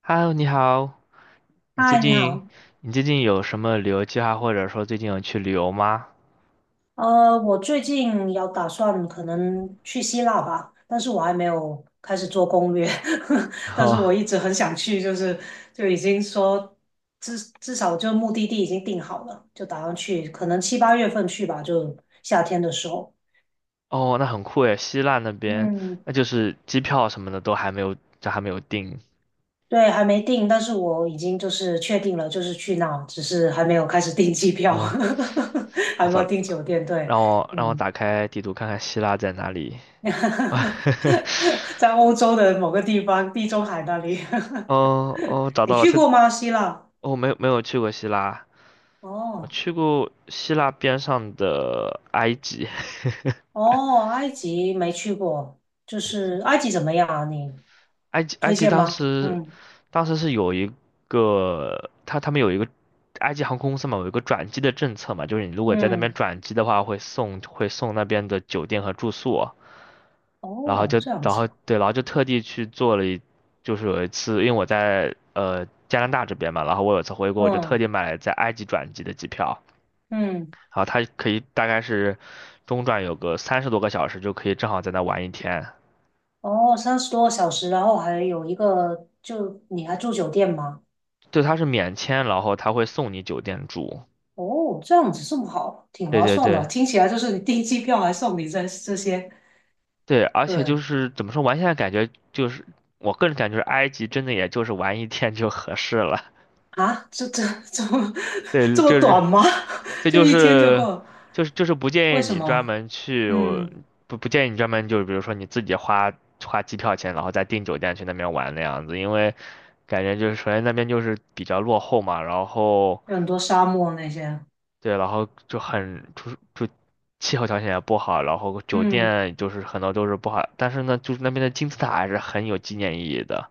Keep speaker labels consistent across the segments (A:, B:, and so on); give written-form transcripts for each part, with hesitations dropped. A: Hello，你好，你最
B: 嗨，你
A: 近
B: 好。
A: 你最近有什么旅游计划，或者说最近有去旅游吗？
B: 我最近有打算可能去希腊吧，但是我还没有开始做攻略，但是我
A: 哦，
B: 一直很想去，就是就已经说至少就目的地已经定好了，就打算去，可能七八月份去吧，就夏天的时候。
A: 哦，那很酷诶，希腊那边，
B: 嗯，
A: 那就是机票什么的都还没有，这还没有定。
B: 对，还没定，但是我已经就是确定了，就是去那，只是还没有开始订机票，
A: 嗯、我
B: 还没有
A: 操，
B: 订酒店，对，
A: 让我
B: 嗯。
A: 打开地图看看希腊在哪里。
B: 在欧洲的某个地方，地中海那里。
A: 哦哦，找
B: 你
A: 到了，
B: 去
A: 它
B: 过吗？希腊？
A: 没有去过希腊，我
B: 哦
A: 去过希腊边上的埃及。
B: 哦，埃及没去过，就是埃及怎么样啊？你
A: 埃及埃
B: 推
A: 及
B: 荐
A: 当
B: 吗？
A: 时
B: 嗯
A: 当时是有一个他们有一个埃及航空公司嘛，有一个转机的政策嘛，就是你如果在那边
B: 嗯，
A: 转机的话，会送那边的酒店和住宿，然后
B: 哦，
A: 就
B: 这样
A: 然
B: 子，
A: 后对，然后就特地去做了一，就是有一次，因为我在加拿大这边嘛，然后我有一次回国，我就特
B: 嗯
A: 地买了在埃及转机的机票，
B: 嗯，
A: 然后它可以大概是中转有个30多个小时，就可以正好在那玩一天。
B: 哦，三十多个小时，然后还有一个，就你还住酒店吗？
A: 对，它是免签，然后他会送你酒店住。
B: 哦，这样子这么好，挺
A: 对
B: 划
A: 对
B: 算的，
A: 对，
B: 听起来就是你订机票还送你这些，
A: 对，而且就
B: 对，
A: 是怎么说，现在感觉就是我个人感觉，埃及真的也就是玩一天就合适了。
B: 啊，这这么
A: 对，
B: 这么
A: 就是
B: 短吗？
A: 这
B: 就
A: 就
B: 一天就够
A: 是
B: 了？
A: 就是就是不建
B: 为
A: 议
B: 什
A: 你专
B: 么？
A: 门去，
B: 嗯，
A: 不建议你专门就是比如说你自己花机票钱，然后再订酒店去那边玩那样子，因为感觉就是首先那边就是比较落后嘛，然后
B: 有很多沙漠那些。
A: 对，然后就很就是气候条件也不好，然后酒
B: 嗯，
A: 店就是很多都是不好，但是呢，就是那边的金字塔还是很有纪念意义的。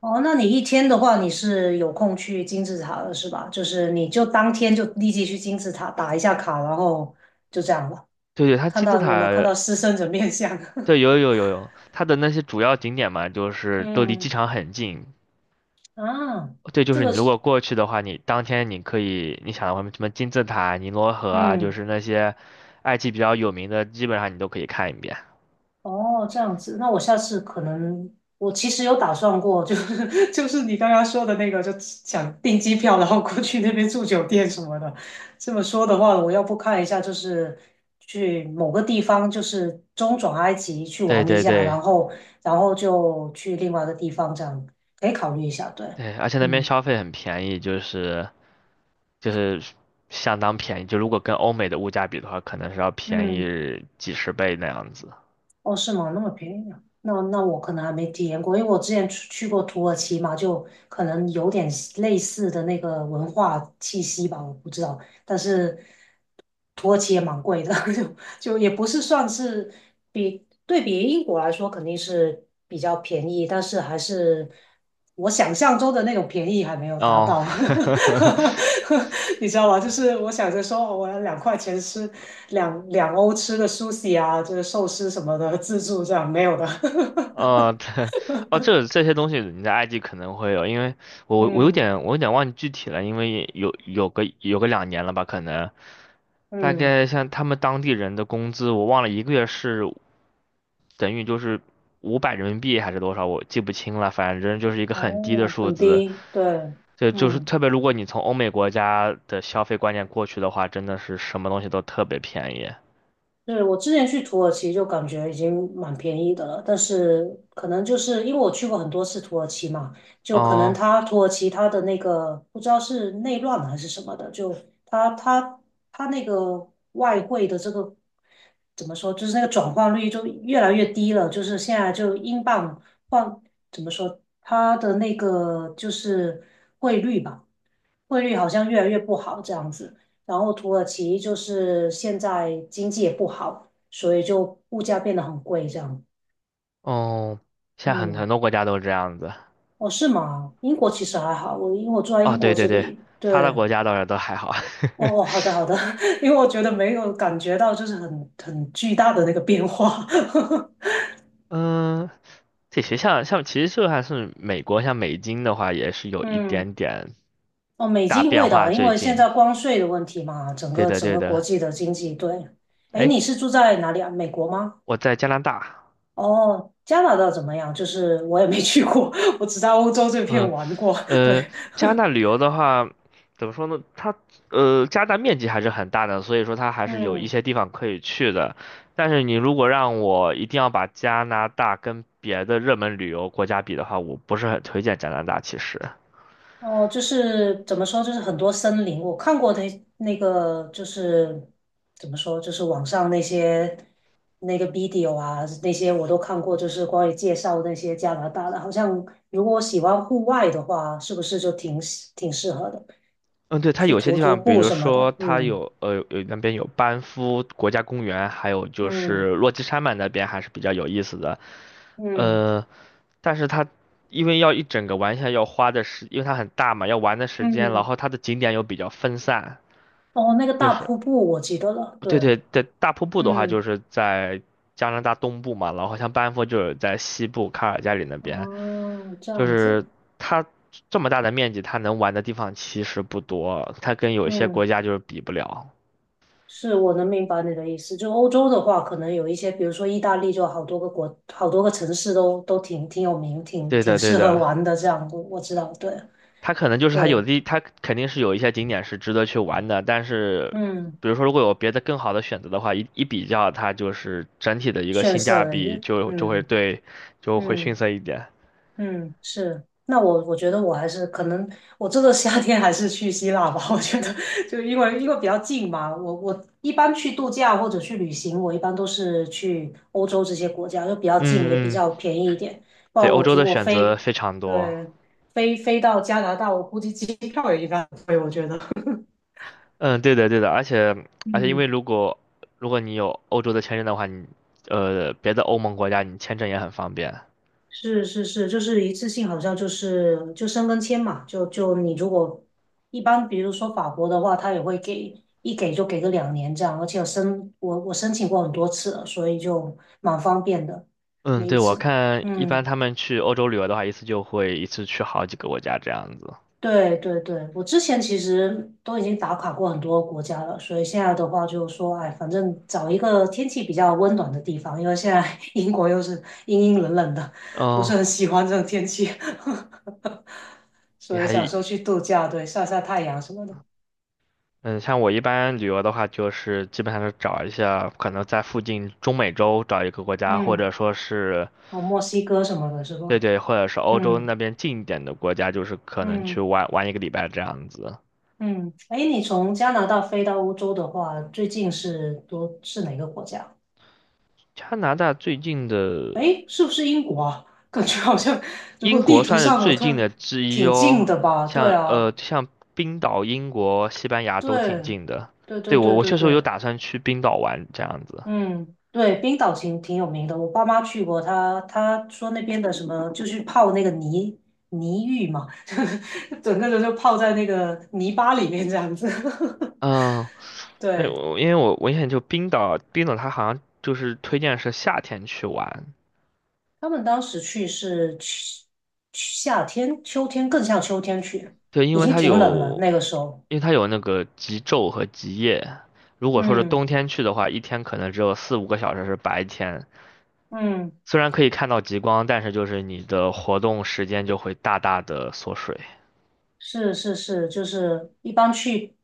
B: 哦，那你一天的话，你是有空去金字塔的是吧？就是你就当天就立即去金字塔打一下卡，然后就这样了。
A: 对对，它
B: 看
A: 金字
B: 到
A: 塔，
B: 有没有看到狮身人面像？
A: 对，有，它的那些主要景点嘛，就 是都离机
B: 嗯
A: 场很近。
B: 啊，
A: 对，就
B: 这
A: 是你
B: 个
A: 如
B: 是
A: 果过去的话，你当天你可以，你想什么金字塔、尼罗河啊，就
B: 嗯。
A: 是那些埃及比较有名的，基本上你都可以看一遍。
B: 哦，这样子，那我下次可能，我其实有打算过，就是 就是你刚刚说的那个，就想订机票，然后过去那边住酒店什么的。这么说的话，我要不看一下，就是去某个地方，就是中转埃及去
A: 对
B: 玩一
A: 对
B: 下，
A: 对
B: 然后然后就去另外一个地方，这样可以考虑一下。对，
A: 对，而且那边
B: 嗯
A: 消费很便宜，就是相当便宜，就如果跟欧美的物价比的话，可能是要便
B: 嗯。
A: 宜几十倍那样子。
B: 哦，是吗？那么便宜啊？那我可能还没体验过，因为我之前去过土耳其嘛，就可能有点类似的那个文化气息吧，我不知道。但是土耳其也蛮贵的，就就也不是算是比对比英国来说肯定是比较便宜，但是还是我想象中的那种便宜还没有达
A: 哦，
B: 到。你知道吗？就是我想着说哦我要两块钱吃。两欧吃的 sushi 啊，就是寿司什么的自助这样没有的。
A: 对，哦，这些东西你在埃及可能会有，因为我我有
B: 嗯
A: 点我有点忘记具体了，因为有个2年了吧，可能大
B: 嗯，
A: 概像他们当地人的工资，我忘了一个月是等于就是500人民币还是多少，我记不清了，反正就是一个很低的
B: 哦，
A: 数
B: 很
A: 字。
B: 低，对，
A: 对，就是
B: 嗯。
A: 特别如果你从欧美国家的消费观念过去的话，真的是什么东西都特别便宜。
B: 对，我之前去土耳其就感觉已经蛮便宜的了，但是可能就是因为我去过很多次土耳其嘛，就可能
A: 哦
B: 它土耳其它的那个不知道是内乱还是什么的，就它它那个外汇的这个怎么说，就是那个转换率就越来越低了，就是现在就英镑换怎么说，它的那个就是汇率吧，汇率好像越来越不好这样子。然后土耳其就是现在经济也不好，所以就物价变得很贵这样。
A: 哦，现在很
B: 嗯，
A: 多国家都是这样子。
B: 哦，是吗？英国其实还好，我因为我住在
A: 哦，
B: 英
A: 对
B: 国
A: 对
B: 这
A: 对，
B: 里，
A: 发达
B: 对。
A: 国家倒是都还好。
B: 哦哦，好 的好的，因为我觉得没有感觉到就是很巨大的那个变化。
A: 嗯，这学校像其实就算是美国，像美金的话，也是 有一
B: 嗯，
A: 点点
B: 哦，美
A: 大
B: 金
A: 变
B: 会
A: 化。
B: 的，因
A: 最
B: 为现
A: 近，
B: 在关税的问题嘛，整
A: 对
B: 个
A: 的
B: 整
A: 对
B: 个国
A: 的。
B: 际的经济，对。哎，
A: 哎，
B: 你是住在哪里啊？美国吗？
A: 我在加拿大，
B: 哦，加拿大怎么样？就是我也没去过，我只在欧洲这片
A: 嗯，
B: 玩过。对，
A: 呃，加拿大旅游的话，怎么说呢？它加拿大面积还是很大的，所以说它还 是有一
B: 嗯，
A: 些地方可以去的。但是你如果让我一定要把加拿大跟别的热门旅游国家比的话，我不是很推荐加拿大，其实。
B: 哦，就是怎么说，就是很多森林，我看过的那个，就是怎么说，就是网上那些那个 video 啊，那些我都看过，就是关于介绍那些加拿大的，好像如果喜欢户外的话，是不是就挺适合的，
A: 嗯，对，它
B: 去
A: 有些
B: 徒
A: 地
B: 徒
A: 方，比
B: 步
A: 如
B: 什么
A: 说
B: 的。
A: 它
B: 嗯
A: 有那边有班夫国家公园，还有就
B: 嗯
A: 是落基山脉那边还是比较有意思的。
B: 嗯
A: 呃，但是它因为要一整个玩下来要花的时，因为它很大嘛，要玩的时间，然
B: 嗯。
A: 后它的景点又比较分散。
B: 哦，那个
A: 就
B: 大
A: 是
B: 瀑布我记得了，对，
A: 对对对，大瀑布的话就
B: 嗯
A: 是在加拿大东部嘛，然后像班夫就是在西部卡尔加里那边，
B: 哦，这
A: 就
B: 样
A: 是
B: 子，
A: 它这么大的面积，它能玩的地方其实不多，它跟有一些国
B: 嗯
A: 家就是比不了。
B: 是我能明白你的意思。就欧洲的话，可能有一些，比如说意大利，就好多个国，好多个城市都挺有名，挺
A: 对
B: 挺
A: 的，对
B: 适合
A: 的，
B: 玩的。这样，我知道，对
A: 它可能就是它
B: 对，
A: 有的，它肯定是有一些景点是值得去玩的，但是，
B: 嗯
A: 比如说如果有别的更好的选择的话，一一比较，它就是整体的一个
B: 逊
A: 性价
B: 色了一
A: 比
B: 点。
A: 就会
B: 嗯
A: 对，就会逊
B: 嗯。
A: 色一点。
B: 嗯，是。那我觉得我还是可能，我这个夏天还是去希腊吧。我觉得就因为比较近嘛，我一般去度假或者去旅行，我一般都是去欧洲这些国家，就比较近，也比
A: 嗯
B: 较
A: 嗯，
B: 便宜一点。不
A: 对，
B: 然
A: 欧
B: 我
A: 洲
B: 如
A: 的
B: 果
A: 选择
B: 飞，
A: 非常多。
B: 对，飞到加拿大，我估计机票也一般贵，我觉得。
A: 嗯，对的对的，而且因为
B: 嗯
A: 如果你有欧洲的签证的话，你别的欧盟国家你签证也很方便。
B: 是是是，就是一次性，好像就是就申根签嘛，就就你如果一般，比如说法国的话，他也会给一给就给个两年这样，而且我申请过很多次了，所以就蛮方便的，
A: 嗯，
B: 每一
A: 对，我
B: 次。
A: 看一般
B: 嗯，
A: 他们去欧洲旅游的话，一次就会一次去好几个国家这样子。
B: 对对对，我之前其实都已经打卡过很多国家了，所以现在的话就是说，哎，反正找一个天气比较温暖的地方，因为现在 英国又是阴阴冷冷的，不是
A: 嗯，
B: 很喜欢这种天气。
A: 你
B: 所以
A: 还，
B: 想说去度假，对，晒晒太阳什么的。
A: 嗯，像我一般旅游的话，就是基本上是找一下可能在附近中美洲找一个国家，或者
B: 嗯，
A: 说是，
B: 哦，墨西哥什么的，是
A: 对
B: 吧？
A: 对，或者是欧洲
B: 嗯
A: 那边近一点的国家，就是可能去
B: 嗯
A: 玩玩一个礼拜这样子。
B: 嗯。哎，你从加拿大飞到欧洲的话，最近是多是哪个国家？
A: 加拿大最近的，
B: 哎，是不是英国啊？感觉好像，如
A: 英
B: 果地
A: 国
B: 图
A: 算是
B: 上我
A: 最
B: 突
A: 近
B: 然
A: 的之一
B: 挺近
A: 哦，
B: 的吧？对
A: 像呃
B: 啊，
A: 像冰岛、英国、西班牙都挺
B: 对，
A: 近的。
B: 对
A: 对，
B: 对
A: 我
B: 对
A: 我
B: 对
A: 确实有
B: 对，
A: 打算去冰岛玩这样子。
B: 嗯，对，冰岛挺有名的，我爸妈去过，他说那边的什么就是泡那个泥浴嘛，就是整个人就泡在那个泥巴里面这样子。
A: 嗯，但是
B: 对，
A: 我因为我我印象就冰岛，冰岛它好像就是推荐是夏天去玩，
B: 他们当时去是去夏天、秋天，更像秋天去，
A: 对，
B: 已经挺冷了那个时候。
A: 因为它有那个极昼和极夜。如果说是
B: 嗯
A: 冬天去的话，一天可能只有4、5个小时是白天，
B: 嗯。
A: 虽然可以看到极光，但是就是你的活动时间就会大大的缩水。
B: 是是是，就是一般去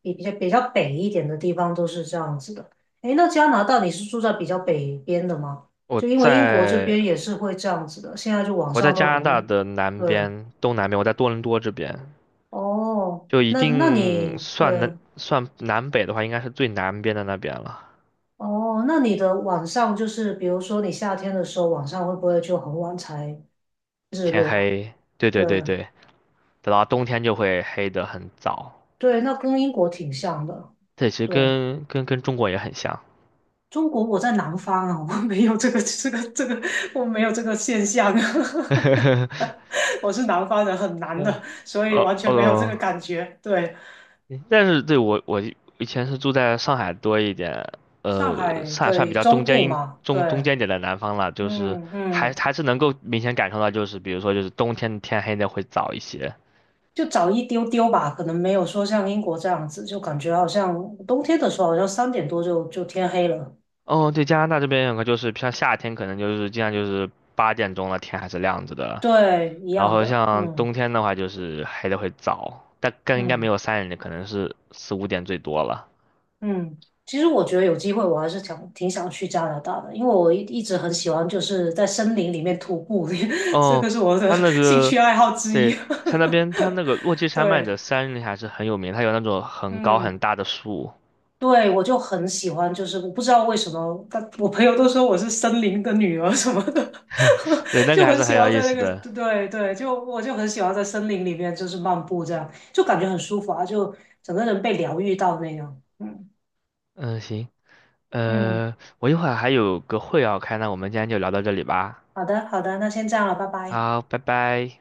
B: 比较比较北一点的地方都是这样子的。诶，那加拿大你是住在比较北边的吗？
A: 我
B: 就因为英国这
A: 在
B: 边也是会这样子的，现在就网
A: 我在
B: 上
A: 加
B: 都
A: 拿大
B: 很，
A: 的南
B: 对，
A: 边，东南边，我在多伦多这边，
B: 哦，
A: 就一
B: 那那
A: 定
B: 你对，
A: 算南北的话，应该是最南边的那边了。
B: 哦，那你的晚上就是比如说你夏天的时候晚上会不会就很晚才日
A: 天
B: 落啊
A: 黑，对
B: 对
A: 对对对。等到冬天就会黑得很早。
B: 对，那跟英国挺像的，
A: 这其实
B: 对。
A: 跟跟中国也很像。
B: 中国我在南方啊，我没有这个 这个，我没有这个现象啊，我是南方人，很难的，
A: 嗯，
B: 所以
A: 呃
B: 完全没有这个
A: 呃，
B: 感觉。对，
A: 但是对我以前是住在上海多一点，
B: 上海，
A: 上海算比
B: 对，
A: 较
B: 中
A: 中
B: 部
A: 间
B: 嘛，对，
A: 点的南方了，就是
B: 嗯
A: 还
B: 嗯，
A: 还是能够明显感受到，就是比如说就是冬天天黑的会早一些。
B: 就早一丢丢吧，可能没有说像英国这样子，就感觉好像冬天的时候，好像三点多就就天黑了。
A: 哦，对，加拿大这边有个就是像夏天可能就是经常就是8点钟了，天还是亮着的。
B: 对，一
A: 然
B: 样
A: 后
B: 的，
A: 像
B: 嗯
A: 冬天的话，就是黑的会早，但更应该没
B: 嗯。
A: 有3点的，可能是4、5点最多了。
B: 嗯，其实我觉得有机会，我还是想挺想去加拿大的，因为我一直很喜欢就是在森林里面徒步，这
A: 哦，
B: 个是我的
A: 它那
B: 兴
A: 个
B: 趣爱好之
A: 对，
B: 一。
A: 像那边它那个落基 山脉
B: 对，
A: 的山林还是很有名，它有那种很高很
B: 嗯，
A: 大的树，
B: 对，我就很喜欢，就是我不知道为什么，但我朋友都说我是森林的女儿什么的，
A: 对，那个
B: 就
A: 还
B: 很
A: 是
B: 喜
A: 很有
B: 欢
A: 意
B: 在那
A: 思
B: 个，
A: 的。
B: 对对，就我就很喜欢在森林里面就是漫步这样，就感觉很舒服啊，就整个人被疗愈到那样。嗯
A: 嗯，行，
B: 嗯，
A: 我一会儿还有个会要开，那我们今天就聊到这里吧。
B: 好的好的，那先这样了，拜拜。
A: 好，拜拜。